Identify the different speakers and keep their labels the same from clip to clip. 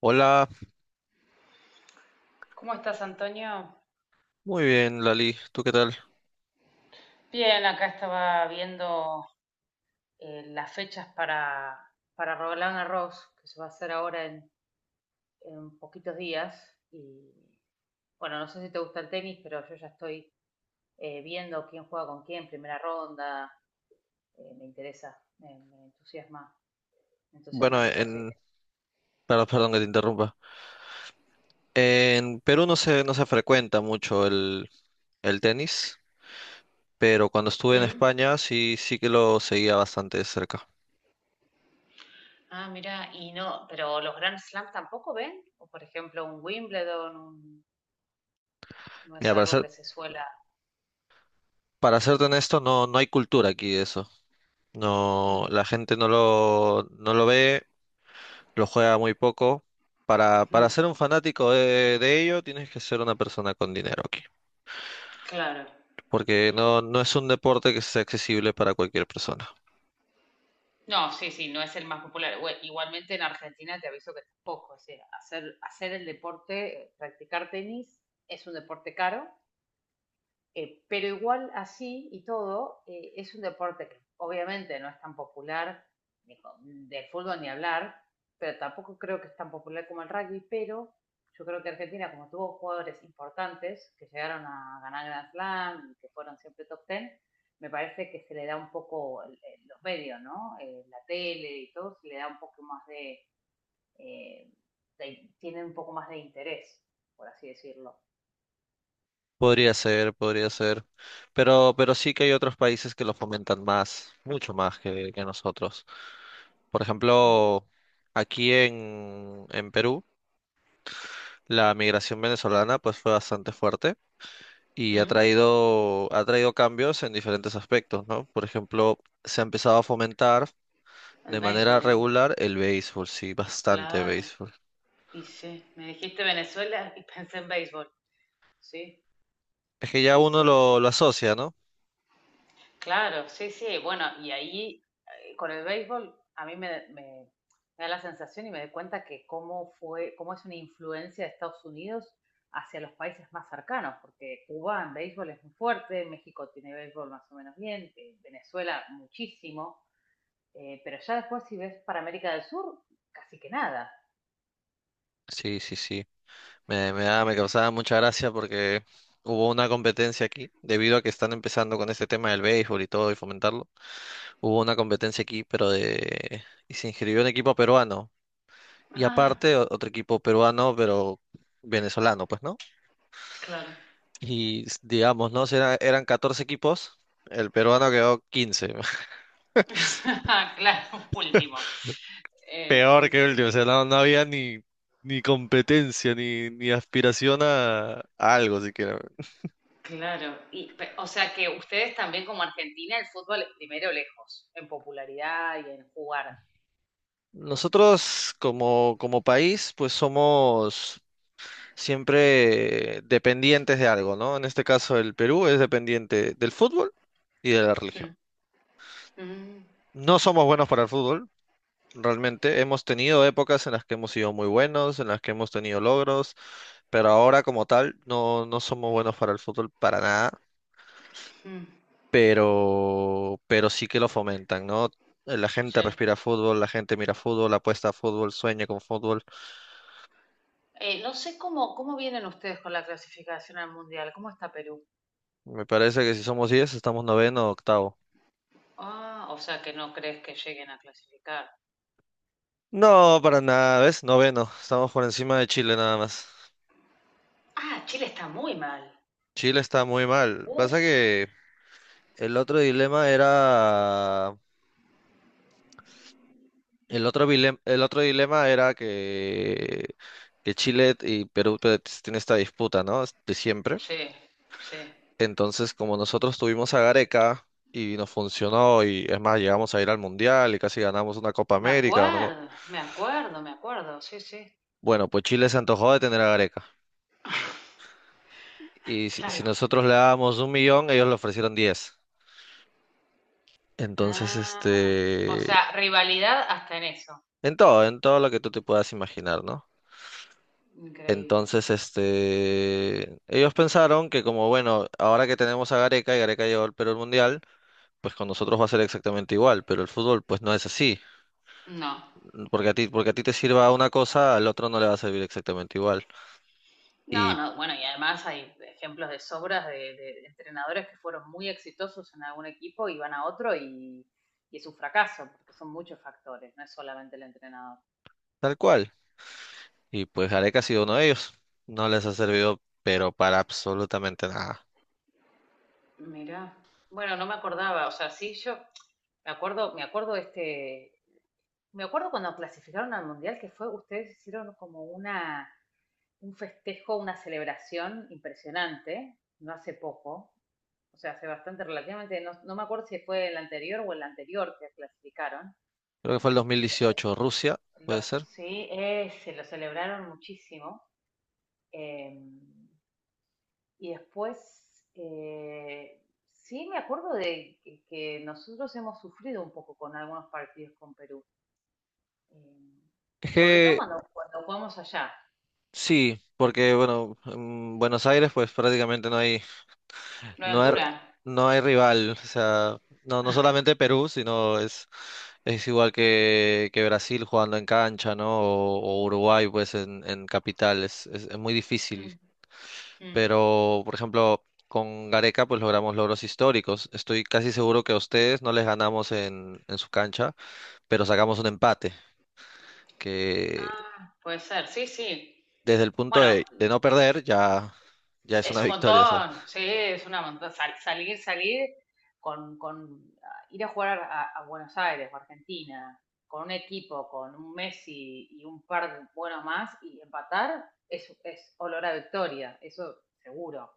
Speaker 1: Hola,
Speaker 2: ¿Cómo estás, Antonio?
Speaker 1: muy bien, Lali. ¿Tú qué tal?
Speaker 2: Bien, acá estaba viendo las fechas para Roland Garros, que se va a hacer ahora en poquitos días. Y bueno, no sé si te gusta el tenis, pero yo ya estoy viendo quién juega con quién, primera ronda. Me interesa, me entusiasma
Speaker 1: Bueno,
Speaker 2: que ya se.
Speaker 1: en, perdón, que te interrumpa. En Perú no se frecuenta mucho el tenis, pero cuando estuve en España sí, sí que lo seguía bastante de cerca.
Speaker 2: Ah, mira, y no, pero los Grand Slams tampoco ven, o por ejemplo un Wimbledon, no es
Speaker 1: Mira,
Speaker 2: algo que se suela.
Speaker 1: para serte honesto, no, no hay cultura aquí de eso. No,
Speaker 2: Mm,
Speaker 1: la gente no lo ve, lo juega muy poco. Para
Speaker 2: mm,
Speaker 1: ser un fanático de ello, tienes que ser una persona con dinero aquí,
Speaker 2: claro.
Speaker 1: porque no, no es un deporte que sea accesible para cualquier persona.
Speaker 2: No, sí, sí, no es el más popular. Igualmente en Argentina te aviso que tampoco. O sea, hacer el deporte, practicar tenis, es un deporte caro, pero igual así y todo, es un deporte que obviamente no es tan popular, ni co- del fútbol ni hablar, pero tampoco creo que es tan popular como el rugby, pero yo creo que Argentina, como tuvo jugadores importantes que llegaron a ganar Grand Slam y que fueron siempre top ten, me parece que se le da un poco los medios, ¿no? La tele y todo, se le da un poco más de, eh, tienen un poco más de interés, por así decirlo.
Speaker 1: Podría ser, podría ser. Pero sí que hay otros países que lo fomentan más, mucho más que nosotros. Por
Speaker 2: Mm,
Speaker 1: ejemplo, en Perú, la migración venezolana pues fue bastante fuerte y
Speaker 2: mm.
Speaker 1: ha traído cambios en diferentes aspectos, ¿no? Por ejemplo, se ha empezado a fomentar de
Speaker 2: El
Speaker 1: manera
Speaker 2: béisbol, ¿eh?
Speaker 1: regular el béisbol, sí, bastante
Speaker 2: Claro,
Speaker 1: béisbol.
Speaker 2: y sí, me dijiste Venezuela y pensé en béisbol, sí,
Speaker 1: Es que ya
Speaker 2: sí,
Speaker 1: uno
Speaker 2: sí,
Speaker 1: lo asocia, ¿no?
Speaker 2: claro, sí, sí, bueno, y ahí con el béisbol a mí me da la sensación y me doy cuenta que cómo fue, cómo es una influencia de Estados Unidos hacia los países más cercanos, porque Cuba en béisbol es muy fuerte, México tiene béisbol más o menos bien, Venezuela muchísimo, pero ya después si ves para América del Sur, casi que nada.
Speaker 1: Sí, sí, sí. Me causaba mucha gracia porque hubo una competencia aquí, debido a que están empezando con este tema del béisbol y todo y fomentarlo. Hubo una competencia aquí, pero de... y se inscribió un equipo peruano. Y
Speaker 2: Ah,
Speaker 1: aparte otro equipo peruano, pero venezolano, pues, ¿no?
Speaker 2: claro.
Speaker 1: Y digamos, ¿no? Eran 14 equipos, el peruano quedó 15.
Speaker 2: Claro, último.
Speaker 1: Peor
Speaker 2: Sí,
Speaker 1: que el
Speaker 2: sí,
Speaker 1: último, o sea, no, no había ni, ni competencia, ni, ni aspiración a algo siquiera.
Speaker 2: claro. Y, o sea que ustedes también como Argentina el fútbol es primero lejos, en popularidad y en jugar.
Speaker 1: Nosotros como país, pues somos siempre dependientes de algo, ¿no? En este caso el Perú es dependiente del fútbol y de la religión.
Speaker 2: Mm, mm,
Speaker 1: No somos buenos para el fútbol, realmente. Hemos tenido épocas en las que hemos sido muy buenos, en las que hemos tenido logros, pero ahora como tal no, no somos buenos para el fútbol para nada,
Speaker 2: mm,
Speaker 1: pero sí que lo fomentan, ¿no? La gente
Speaker 2: sí.
Speaker 1: respira fútbol, la gente mira fútbol, apuesta a fútbol, sueña con fútbol.
Speaker 2: No sé cómo, cómo vienen ustedes con la clasificación al Mundial, ¿cómo está Perú?
Speaker 1: Me parece que si somos 10 estamos noveno o octavo.
Speaker 2: Ah, o sea que no crees que lleguen a clasificar.
Speaker 1: No, para nada, ¿ves? Noveno. Estamos por encima de Chile nada más.
Speaker 2: Ah, Chile está muy mal.
Speaker 1: Chile está muy mal. Pasa
Speaker 2: Uf,
Speaker 1: que el otro dilema era... el otro dilema era que Chile y Perú pues, tienen esta disputa, ¿no? De siempre.
Speaker 2: sí, sí.
Speaker 1: Entonces, como nosotros tuvimos a Gareca y nos funcionó, y es más, llegamos a ir al Mundial y casi ganamos una Copa
Speaker 2: Me
Speaker 1: América, ¿no?
Speaker 2: acuerdo, me acuerdo, me acuerdo, sí, sí.
Speaker 1: Bueno, pues Chile se antojó de tener a Gareca. Y si
Speaker 2: Claro.
Speaker 1: nosotros le dábamos 1.000.000, ellos le ofrecieron 10. Entonces,
Speaker 2: Ah, o
Speaker 1: este,
Speaker 2: sea, rivalidad hasta en eso.
Speaker 1: en todo lo que tú te puedas imaginar, ¿no?
Speaker 2: Increíble.
Speaker 1: Entonces, este, ellos pensaron que como, bueno, ahora que tenemos a Gareca y Gareca llevó al Perú al Mundial, pues con nosotros va a ser exactamente igual, pero el fútbol pues no es así.
Speaker 2: No.
Speaker 1: Porque a ti te sirva una cosa, al otro no le va a servir exactamente igual.
Speaker 2: No,
Speaker 1: Y
Speaker 2: no, bueno, y además hay ejemplos de sobras de entrenadores que fueron muy exitosos en algún equipo y van a otro y es un fracaso, porque son muchos factores, no es solamente el entrenador.
Speaker 1: tal cual. Y pues Gareca ha sido uno de ellos. No les ha servido, pero para absolutamente nada.
Speaker 2: Mira, bueno, no me acordaba, o sea, sí, yo me acuerdo este, me acuerdo cuando clasificaron al mundial que fue, ustedes hicieron como una, un festejo, una celebración impresionante, no hace poco, o sea, hace bastante relativamente, no, no me acuerdo si fue el anterior o el anterior que clasificaron,
Speaker 1: Creo que fue el
Speaker 2: y
Speaker 1: 2018, Rusia, puede
Speaker 2: los
Speaker 1: ser.
Speaker 2: sí, se lo celebraron muchísimo. Eh, y después, sí me acuerdo que nosotros hemos sufrido un poco con algunos partidos con Perú, eh,
Speaker 1: Es
Speaker 2: sobre todo
Speaker 1: que
Speaker 2: cuando jugamos allá.
Speaker 1: sí, porque bueno, en Buenos Aires pues prácticamente no hay, no hay,
Speaker 2: Floriantura.
Speaker 1: no hay rival. O sea, no, no solamente Perú, sino es igual que Brasil jugando en cancha, ¿no? O Uruguay pues en capital. Es muy difícil.
Speaker 2: Mm, mm.
Speaker 1: Pero, por ejemplo, con Gareca pues logramos logros históricos. Estoy casi seguro que a ustedes no les ganamos en su cancha, pero sacamos un empate, que
Speaker 2: Ah, puede ser, sí, sí.
Speaker 1: desde el punto
Speaker 2: Bueno,
Speaker 1: de no perder, ya, ya es
Speaker 2: es
Speaker 1: una
Speaker 2: un
Speaker 1: victoria, o sea.
Speaker 2: montón, sí, es una montón. Salir, salir con ah, ir a jugar a Buenos Aires o Argentina, con un equipo, con un Messi y un par de buenos más y empatar, es olor a victoria, eso seguro.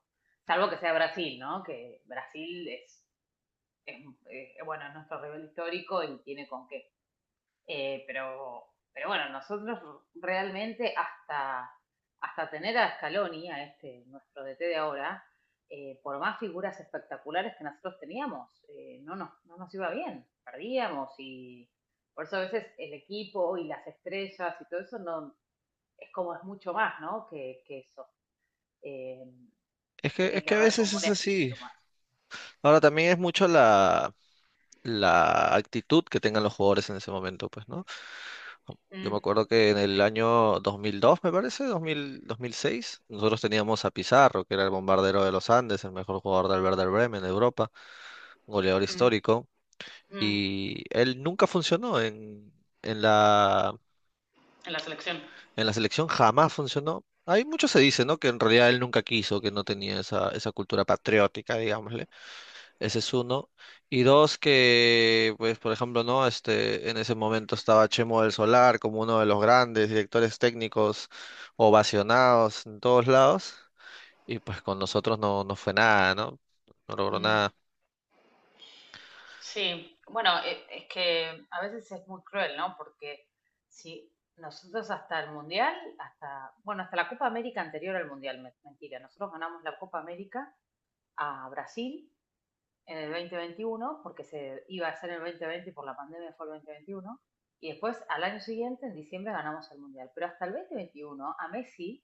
Speaker 2: Salvo que sea Brasil, ¿no? Que Brasil es, bueno, es nuestro rival histórico y tiene con qué. Pero bueno, nosotros realmente hasta, hasta tener a Scaloni, a este, nuestro DT de ahora, por más figuras espectaculares que nosotros teníamos, no, nos, no nos iba bien, perdíamos y por eso a veces el equipo y las estrellas y todo eso no, es como es mucho más, ¿no? Que eso. Eh, tiene
Speaker 1: Es
Speaker 2: que
Speaker 1: que a
Speaker 2: haber
Speaker 1: veces
Speaker 2: como un
Speaker 1: es así.
Speaker 2: espíritu más.
Speaker 1: Ahora también es mucho la actitud que tengan los jugadores en ese momento, pues, ¿no? Yo me
Speaker 2: Mm,
Speaker 1: acuerdo que en el año 2002 me parece, 2006 nosotros teníamos a Pizarro, que era el bombardero de los Andes, el mejor jugador del Werder Bremen de Europa, un goleador
Speaker 2: mm,
Speaker 1: histórico,
Speaker 2: mm.
Speaker 1: y él nunca funcionó en la...
Speaker 2: En la selección.
Speaker 1: En la selección jamás funcionó. Hay mucho se dice, ¿no? Que en realidad él nunca quiso, que no tenía esa, esa cultura patriótica, digámosle. Ese es uno. Y dos, que, pues, por ejemplo, ¿no? Este, en ese momento estaba Chemo del Solar como uno de los grandes directores técnicos ovacionados en todos lados. Y pues con nosotros no, no fue nada, ¿no? No logró
Speaker 2: Mm.
Speaker 1: nada.
Speaker 2: Sí, bueno, es que a veces es muy cruel, ¿no? Porque si nosotros hasta el Mundial, hasta, bueno, hasta la Copa América anterior al Mundial, mentira, nosotros ganamos la Copa América a Brasil en el 2021, porque se iba a hacer en el 2020 y por la pandemia fue el 2021, y después al año siguiente, en diciembre, ganamos el Mundial. Pero hasta el 2021 a Messi,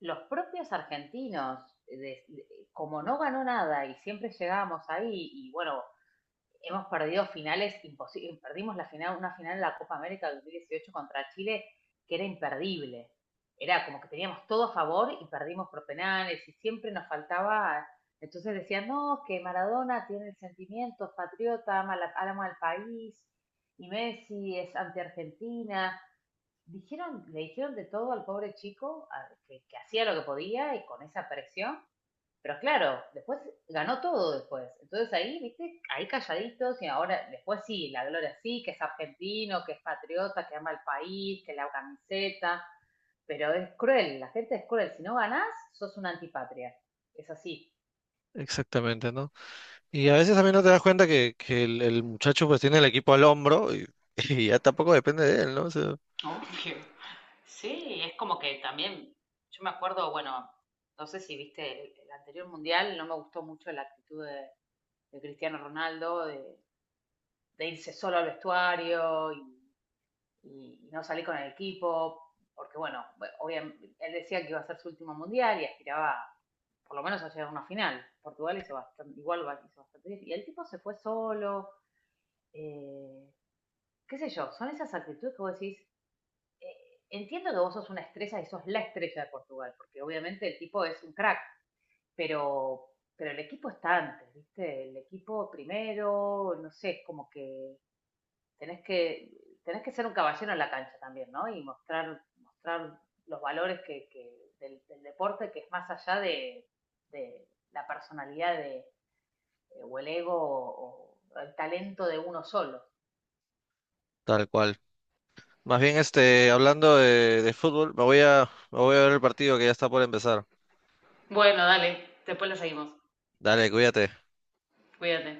Speaker 2: los propios argentinos, como no ganó nada y siempre llegábamos ahí, y bueno hemos perdido finales imposibles. Perdimos la final, una final de la Copa América del 2018 contra Chile que era imperdible. Era como que teníamos todo a favor y perdimos por penales y siempre nos faltaba. Entonces decían, no, que Maradona tiene sentimientos, patriota, ama, la, ama al país y Messi es anti-Argentina. Dijeron, le dijeron de todo al pobre chico a, que hacía lo que podía y con esa presión pero claro, después ganó todo después. Entonces ahí, viste, ahí calladitos y ahora después sí, la Gloria sí, que es argentino, que es patriota, que ama el país, que la camiseta, pero es cruel, la gente es cruel. Si no ganás, sos una antipatria. Es así.
Speaker 1: Exactamente, ¿no? Y a veces también no te das cuenta que el muchacho pues tiene el equipo al hombro y, y ya tampoco depende de él, ¿no? O sea,
Speaker 2: Obvio. Sí, es como que también, yo me acuerdo, bueno, no sé si viste el anterior mundial, no me gustó mucho la actitud de Cristiano Ronaldo, de irse solo al vestuario y no salí con el equipo, porque bueno, obviamente, él decía que iba a ser su último mundial y aspiraba por lo menos a llegar a una final. Portugal hizo bastante, igual hizo bastante bien. Y el tipo se fue solo, eh, qué sé yo, son esas actitudes que vos decís, entiendo que vos sos una estrella y sos la estrella de Portugal, porque obviamente el tipo es un crack, pero, pero el equipo está antes, ¿viste? El equipo primero, no sé, es como que tenés que, tenés que ser un caballero en la cancha también, ¿no? Y mostrar, mostrar los valores que deporte que es más allá de la personalidad de, o el ego o el talento de uno solo.
Speaker 1: tal cual. Más bien, este, hablando de fútbol, me voy a ver el partido que ya está por empezar.
Speaker 2: Bueno, después lo seguimos.
Speaker 1: Dale, cuídate.
Speaker 2: Cuídate.